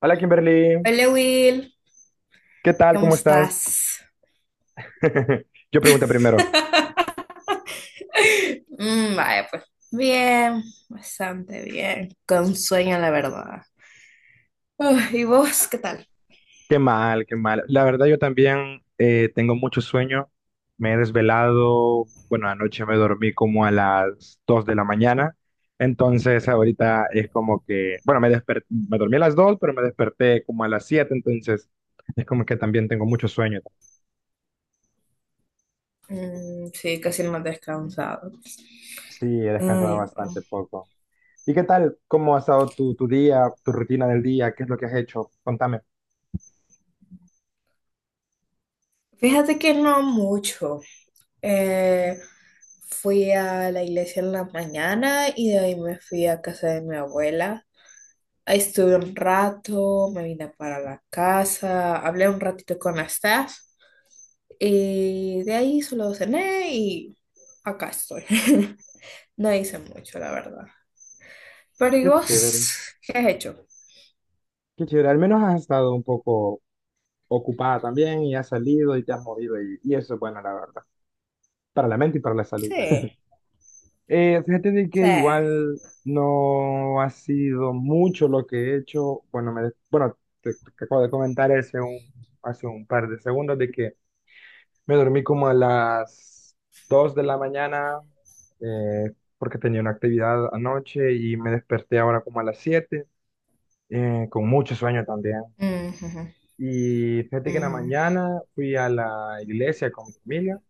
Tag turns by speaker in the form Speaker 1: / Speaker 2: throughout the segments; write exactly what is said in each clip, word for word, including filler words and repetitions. Speaker 1: Hola Kimberly,
Speaker 2: Hola Will,
Speaker 1: ¿qué tal?
Speaker 2: ¿cómo
Speaker 1: ¿Cómo estás?
Speaker 2: estás?
Speaker 1: Yo pregunto primero,
Speaker 2: Mm, vaya, pues bien, bastante bien, con sueño la verdad. Uf, ¿y vos qué tal?
Speaker 1: qué mal, qué mal. La verdad yo también eh, tengo mucho sueño. Me he desvelado, bueno, anoche me dormí como a las dos de la mañana, entonces ahorita es como que, bueno, me desperté, me dormí a las dos, pero me desperté como a las siete. Entonces es como que también tengo mucho sueño.
Speaker 2: Mm, sí, casi no he descansado.
Speaker 1: Sí, he descansado
Speaker 2: Ay, no.
Speaker 1: bastante poco. ¿Y qué tal? ¿Cómo ha estado tu, tu día, tu rutina del día? ¿Qué es lo que has hecho? Contame.
Speaker 2: Fíjate que no mucho. Eh, Fui a la iglesia en la mañana y de ahí me fui a casa de mi abuela. Ahí estuve un rato, me vine para la casa, hablé un ratito con la staff. Y de ahí solo cené y acá estoy. No hice mucho, la verdad. Pero ¿y
Speaker 1: Qué chévere.
Speaker 2: vos qué has hecho?
Speaker 1: Qué chévere, al menos has estado un poco ocupada también y has salido y te has movido y, y eso es bueno, la verdad, para la mente y para la salud.
Speaker 2: Sí,
Speaker 1: Eh, fíjate de que
Speaker 2: sí.
Speaker 1: igual no ha sido mucho lo que he hecho. Bueno, me, bueno, te, te acabo de comentar hace un, hace un par de segundos de que me dormí como a las dos de la mañana, eh, porque tenía una actividad anoche y me desperté ahora como a las siete, eh, con mucho sueño también.
Speaker 2: Ujú,
Speaker 1: Y fíjate que en la
Speaker 2: ujú,
Speaker 1: mañana fui a la iglesia con mi familia.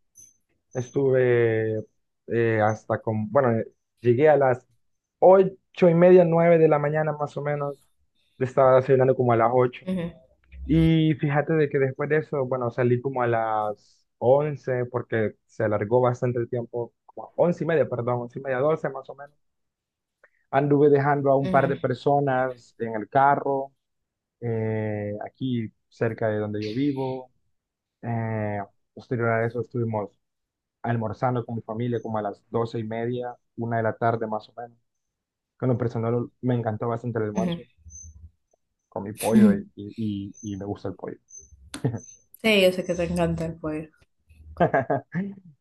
Speaker 1: Estuve, eh, hasta con, bueno, eh, llegué a las ocho y media, nueve de la mañana más o menos. Estaba desayunando como a las ocho.
Speaker 2: ujú,
Speaker 1: Y fíjate de que después de eso, bueno, salí como a las once porque se alargó bastante el tiempo, como a once y media, perdón, once y media, doce más o menos. Anduve dejando a un par
Speaker 2: ujú,
Speaker 1: de personas en el carro, eh, aquí cerca de donde yo vivo. Eh, Posterior a eso estuvimos almorzando con mi familia como a las doce y media, una de la tarde más o menos. Que en lo personal me encantó bastante el
Speaker 2: ujú.
Speaker 1: almuerzo, con mi pollo
Speaker 2: Ujú.
Speaker 1: y, y, y- y me gusta el pollo.
Speaker 2: Sí, yo sé que te encanta el pollo.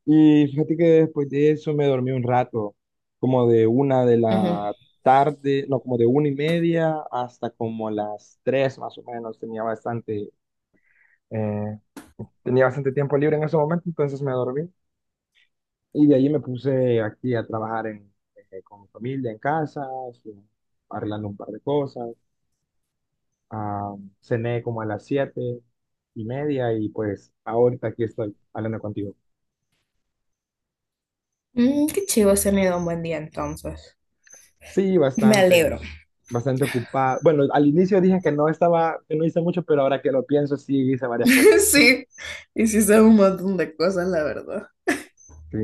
Speaker 1: Y fíjate que después de eso me dormí un rato, como de una de
Speaker 2: Ujú.
Speaker 1: la tarde, no, como de una y media hasta como las tres más o menos. Tenía bastante, eh, tenía bastante tiempo libre en ese momento, entonces me dormí. Y de ahí me puse aquí a trabajar en, eh, con mi familia en casa, su- arreglando un par de cosas. Ah, cené como a las siete y media y pues ahorita aquí estoy hablando contigo.
Speaker 2: Mm, qué chivo, has tenido un buen día entonces.
Speaker 1: Sí,
Speaker 2: Me
Speaker 1: bastante,
Speaker 2: alegro.
Speaker 1: bastante ocupado. Bueno, al inicio dije que no estaba, que no hice mucho, pero ahora que lo pienso, sí hice varias cosas.
Speaker 2: Sí, hiciste un montón de cosas, la verdad.
Speaker 1: Sí,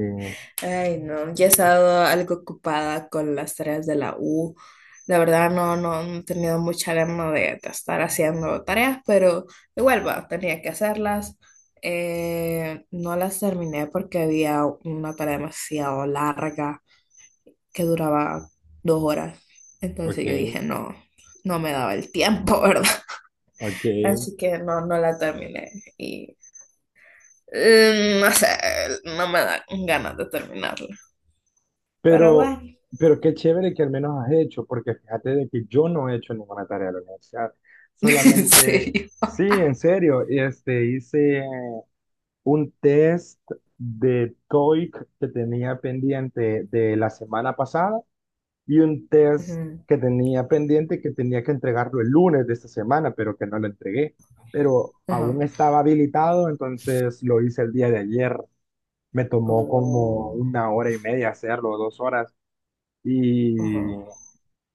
Speaker 2: Ay, no, ya he estado algo ocupada con las tareas de la U. La verdad no, no, no he tenido mucha gana de, de estar haciendo tareas, pero igual, bueno, tenía que hacerlas. Eh, no las terminé porque había una tarea demasiado larga que duraba dos horas. Entonces yo
Speaker 1: ok,
Speaker 2: dije, no, no me daba el tiempo, ¿verdad?
Speaker 1: ok.
Speaker 2: Así que no, no la terminé. Y eh, no sé, no me dan ganas de terminarla. Pero
Speaker 1: Pero,
Speaker 2: bueno.
Speaker 1: pero qué chévere que al menos has hecho, porque fíjate de que yo no he hecho ninguna tarea de la universidad.
Speaker 2: En
Speaker 1: Solamente,
Speaker 2: serio.
Speaker 1: sí, en serio, este, hice un test de TOEIC que tenía pendiente de la semana pasada y un test
Speaker 2: Ujú.
Speaker 1: que tenía pendiente que tenía que entregarlo el lunes de esta semana, pero que no lo entregué. Pero aún
Speaker 2: Ajá.
Speaker 1: estaba habilitado, entonces lo hice el día de ayer. Me tomó como
Speaker 2: Oh,
Speaker 1: una hora y media hacerlo, dos horas
Speaker 2: ajá.
Speaker 1: y,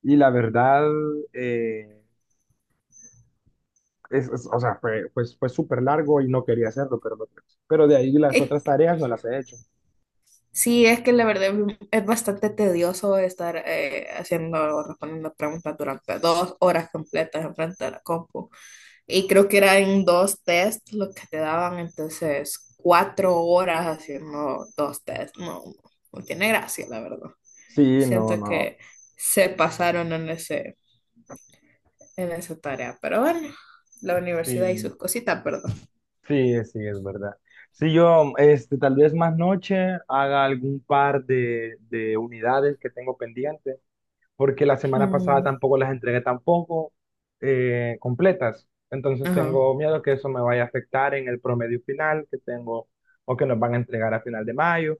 Speaker 1: y la verdad, eh, es, es- o sea, fue, pues, fue súper largo y no quería hacerlo, pero, lo- pero de ahí las
Speaker 2: Eh,
Speaker 1: otras tareas no las he hecho.
Speaker 2: sí, es que la verdad es bastante tedioso estar eh, haciendo o respondiendo preguntas durante dos horas completas enfrente de la compu. Y creo que eran dos test los que te daban, entonces cuatro horas haciendo dos test. No, no tiene gracia, la verdad.
Speaker 1: Sí, no,
Speaker 2: Siento
Speaker 1: no.
Speaker 2: que se pasaron en ese, en esa tarea, pero bueno, la universidad y
Speaker 1: Sí,
Speaker 2: sus cositas,
Speaker 1: sí, sí, es verdad. Sí, yo, este, tal vez más noche haga algún par de, de unidades que tengo pendientes porque la semana pasada
Speaker 2: perdón.
Speaker 1: tampoco las entregué tampoco, eh, completas. Entonces
Speaker 2: Ajá.
Speaker 1: tengo miedo que eso me vaya a afectar en el promedio final que tengo o que nos van a entregar a final de mayo.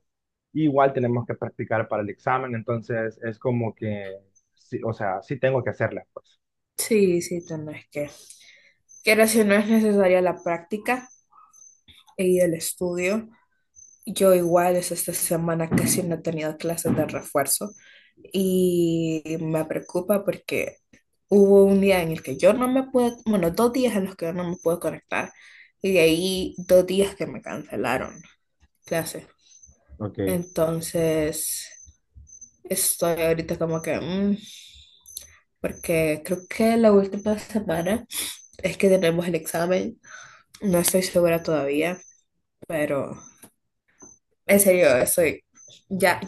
Speaker 1: Igual tenemos que practicar para el examen, entonces es como que, sí, o sea, sí tengo que hacerla, pues.
Speaker 2: Sí, sí, tenés que. Quiero si no es necesaria la práctica y el estudio. Yo igual es esta semana casi no he tenido clases de refuerzo y me preocupa porque hubo un día en el que yo no me pude, bueno, dos días en los que yo no me pude conectar y de ahí dos días que me cancelaron clases.
Speaker 1: Ok,
Speaker 2: Entonces, estoy ahorita como que, mm, porque creo que la última semana es que tenemos el examen. No estoy segura todavía, pero en serio, estoy ya,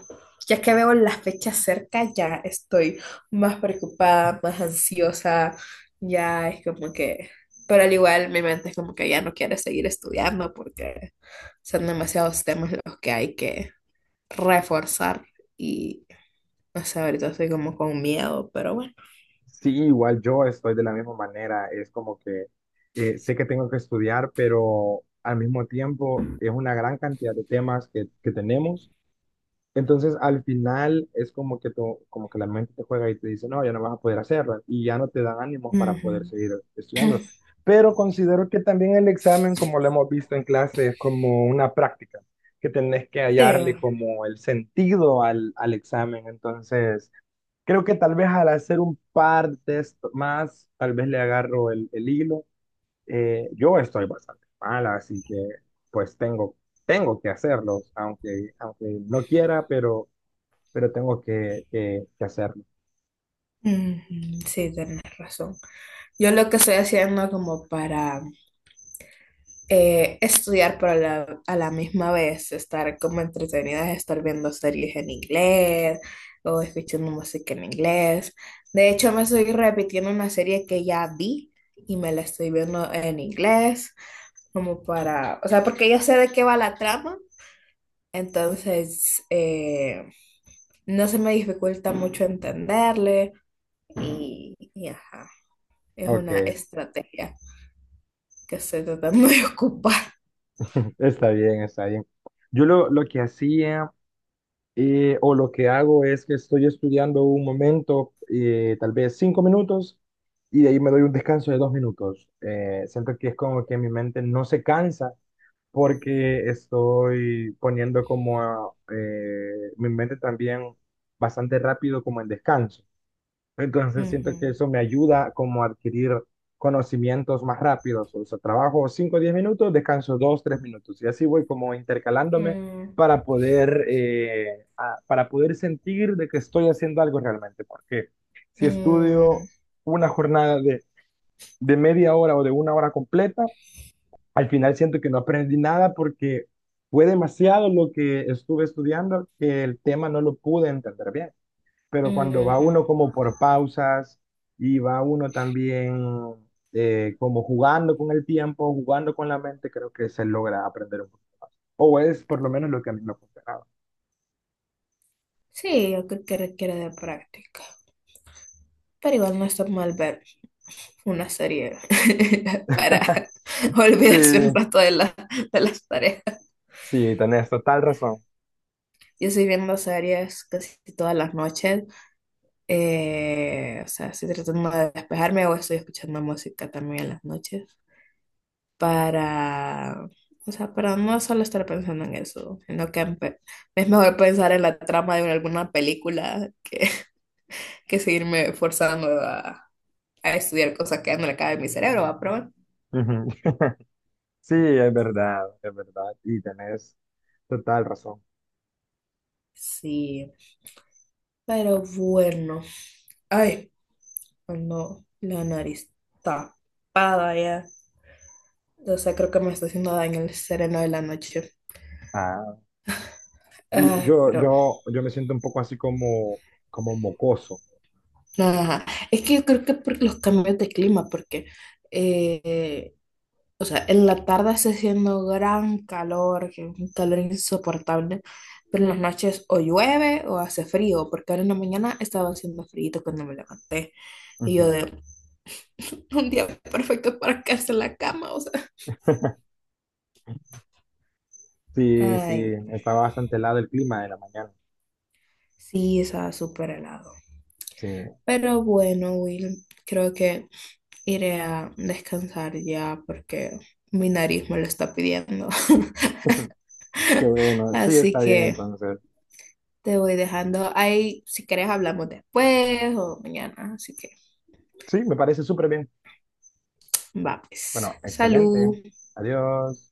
Speaker 2: ya que veo las fechas cerca, ya estoy más preocupada, más ansiosa, ya es como que, pero al igual mi mente es como que ya no quiere seguir estudiando porque son demasiados temas los que hay que reforzar y no sé, ahorita estoy como con miedo, pero bueno.
Speaker 1: sí, igual yo estoy de la misma manera, es como que eh, sé que tengo que estudiar, pero al mismo tiempo es una gran cantidad de temas que, que tenemos. Entonces, al final es como que, tu- como que la mente te juega y te dice, no, ya no vas a poder hacerlo y ya no te dan ánimos para poder
Speaker 2: Ujú.
Speaker 1: seguir estudiando. Pero considero que también el examen, como lo hemos visto en clase, es como una práctica, que tenés que
Speaker 2: Sí,
Speaker 1: hallarle como el sentido al, al examen. Entonces, creo que tal vez al hacer un par de esto más, tal vez le agarro el, el hilo. Eh, yo estoy bastante mala, así que pues tengo, tengo que hacerlos, aunque, aunque no quiera, pero pero tengo que, que- que hacerlo.
Speaker 2: ujú, sí, tienes razón. Yo lo que estoy haciendo como para eh, estudiar, pero a la, a la misma vez estar como entretenidas, estar viendo series en inglés o escuchando música en inglés. De hecho, me estoy repitiendo una serie que ya vi y me la estoy viendo en inglés, como para, o sea, porque ya sé de qué va la trama, entonces eh, no se me dificulta mucho entenderle y, y ajá, es
Speaker 1: Ok,
Speaker 2: una estrategia que estoy tratando de ocupar.
Speaker 1: está bien, está bien. Yo lo, lo que hacía, eh, o lo que hago es que estoy estudiando un momento, eh, tal vez cinco minutos, y de ahí me doy un descanso de dos minutos. Eh, siento que es como que mi mente no se cansa porque estoy poniendo como eh, mi mente también bastante rápido como en descanso. Entonces siento que
Speaker 2: Ujú.
Speaker 1: eso me ayuda como a adquirir conocimientos más rápidos. O sea, trabajo cinco o diez minutos, descanso dos, tres minutos. Y así voy como intercalándome
Speaker 2: Mm.
Speaker 1: para poder, eh, a- para poder sentir de que estoy haciendo algo realmente. Porque si
Speaker 2: Mm,
Speaker 1: estudio una jornada de, de media hora o de una hora completa, al final siento que no aprendí nada porque fue demasiado lo que estuve estudiando que el tema no lo pude entender bien, pero cuando va
Speaker 2: ujú.
Speaker 1: uno como por pausas y va uno también, eh, como jugando con el tiempo, jugando con la mente, creo que se logra aprender un poquito más. O es por lo menos lo que a mí me funcionaba.
Speaker 2: Sí, yo creo que requiere de práctica. Pero igual no está mal ver una serie para olvidarse un
Speaker 1: Sí,
Speaker 2: rato de la- de las tareas.
Speaker 1: sí, tenés total razón.
Speaker 2: Yo estoy viendo series casi todas las noches. eh, o sea, estoy tratando de despejarme o estoy escuchando música también en las noches para, o sea, para no solo estar pensando en eso, sino que empe- Es mejor pensar en la trama de alguna película que que seguirme forzando a, a estudiar cosas que ya no le caben en mi cerebro, ¿va? Pero bueno,
Speaker 1: Ujú. Sí, es verdad, es verdad. Y tenés total razón.
Speaker 2: sí. Pero bueno. Ay, no, la nariz tapada ya. O sea, creo que me está haciendo daño el sereno de la noche.
Speaker 1: Ah, y
Speaker 2: Ay,
Speaker 1: yo,
Speaker 2: pero
Speaker 1: yo, yo me siento un poco así como, como mocoso.
Speaker 2: nada. Es que yo creo que por los cambios de clima, porque eh, o sea, en la tarde está haciendo gran calor, que es un calor insoportable, pero en las noches o llueve o hace frío, porque ahora en la mañana estaba haciendo frío cuando me levanté. Y yo
Speaker 1: Ujú.
Speaker 2: de un día perfecto para quedarse en la cama, o sea.
Speaker 1: Sí, sí,
Speaker 2: Ay, no.
Speaker 1: está bastante helado el clima de la mañana.
Speaker 2: Sí, estaba súper helado.
Speaker 1: Sí.
Speaker 2: Pero bueno, Will, creo que iré a descansar ya porque mi nariz me lo está pidiendo.
Speaker 1: Qué bueno, sí,
Speaker 2: Así
Speaker 1: está bien
Speaker 2: que
Speaker 1: entonces.
Speaker 2: te voy dejando ahí. Si quieres, hablamos después o mañana. Así que.
Speaker 1: Sí, me parece súper bien.
Speaker 2: Va, pues.
Speaker 1: Bueno, excelente.
Speaker 2: Salud.
Speaker 1: Adiós.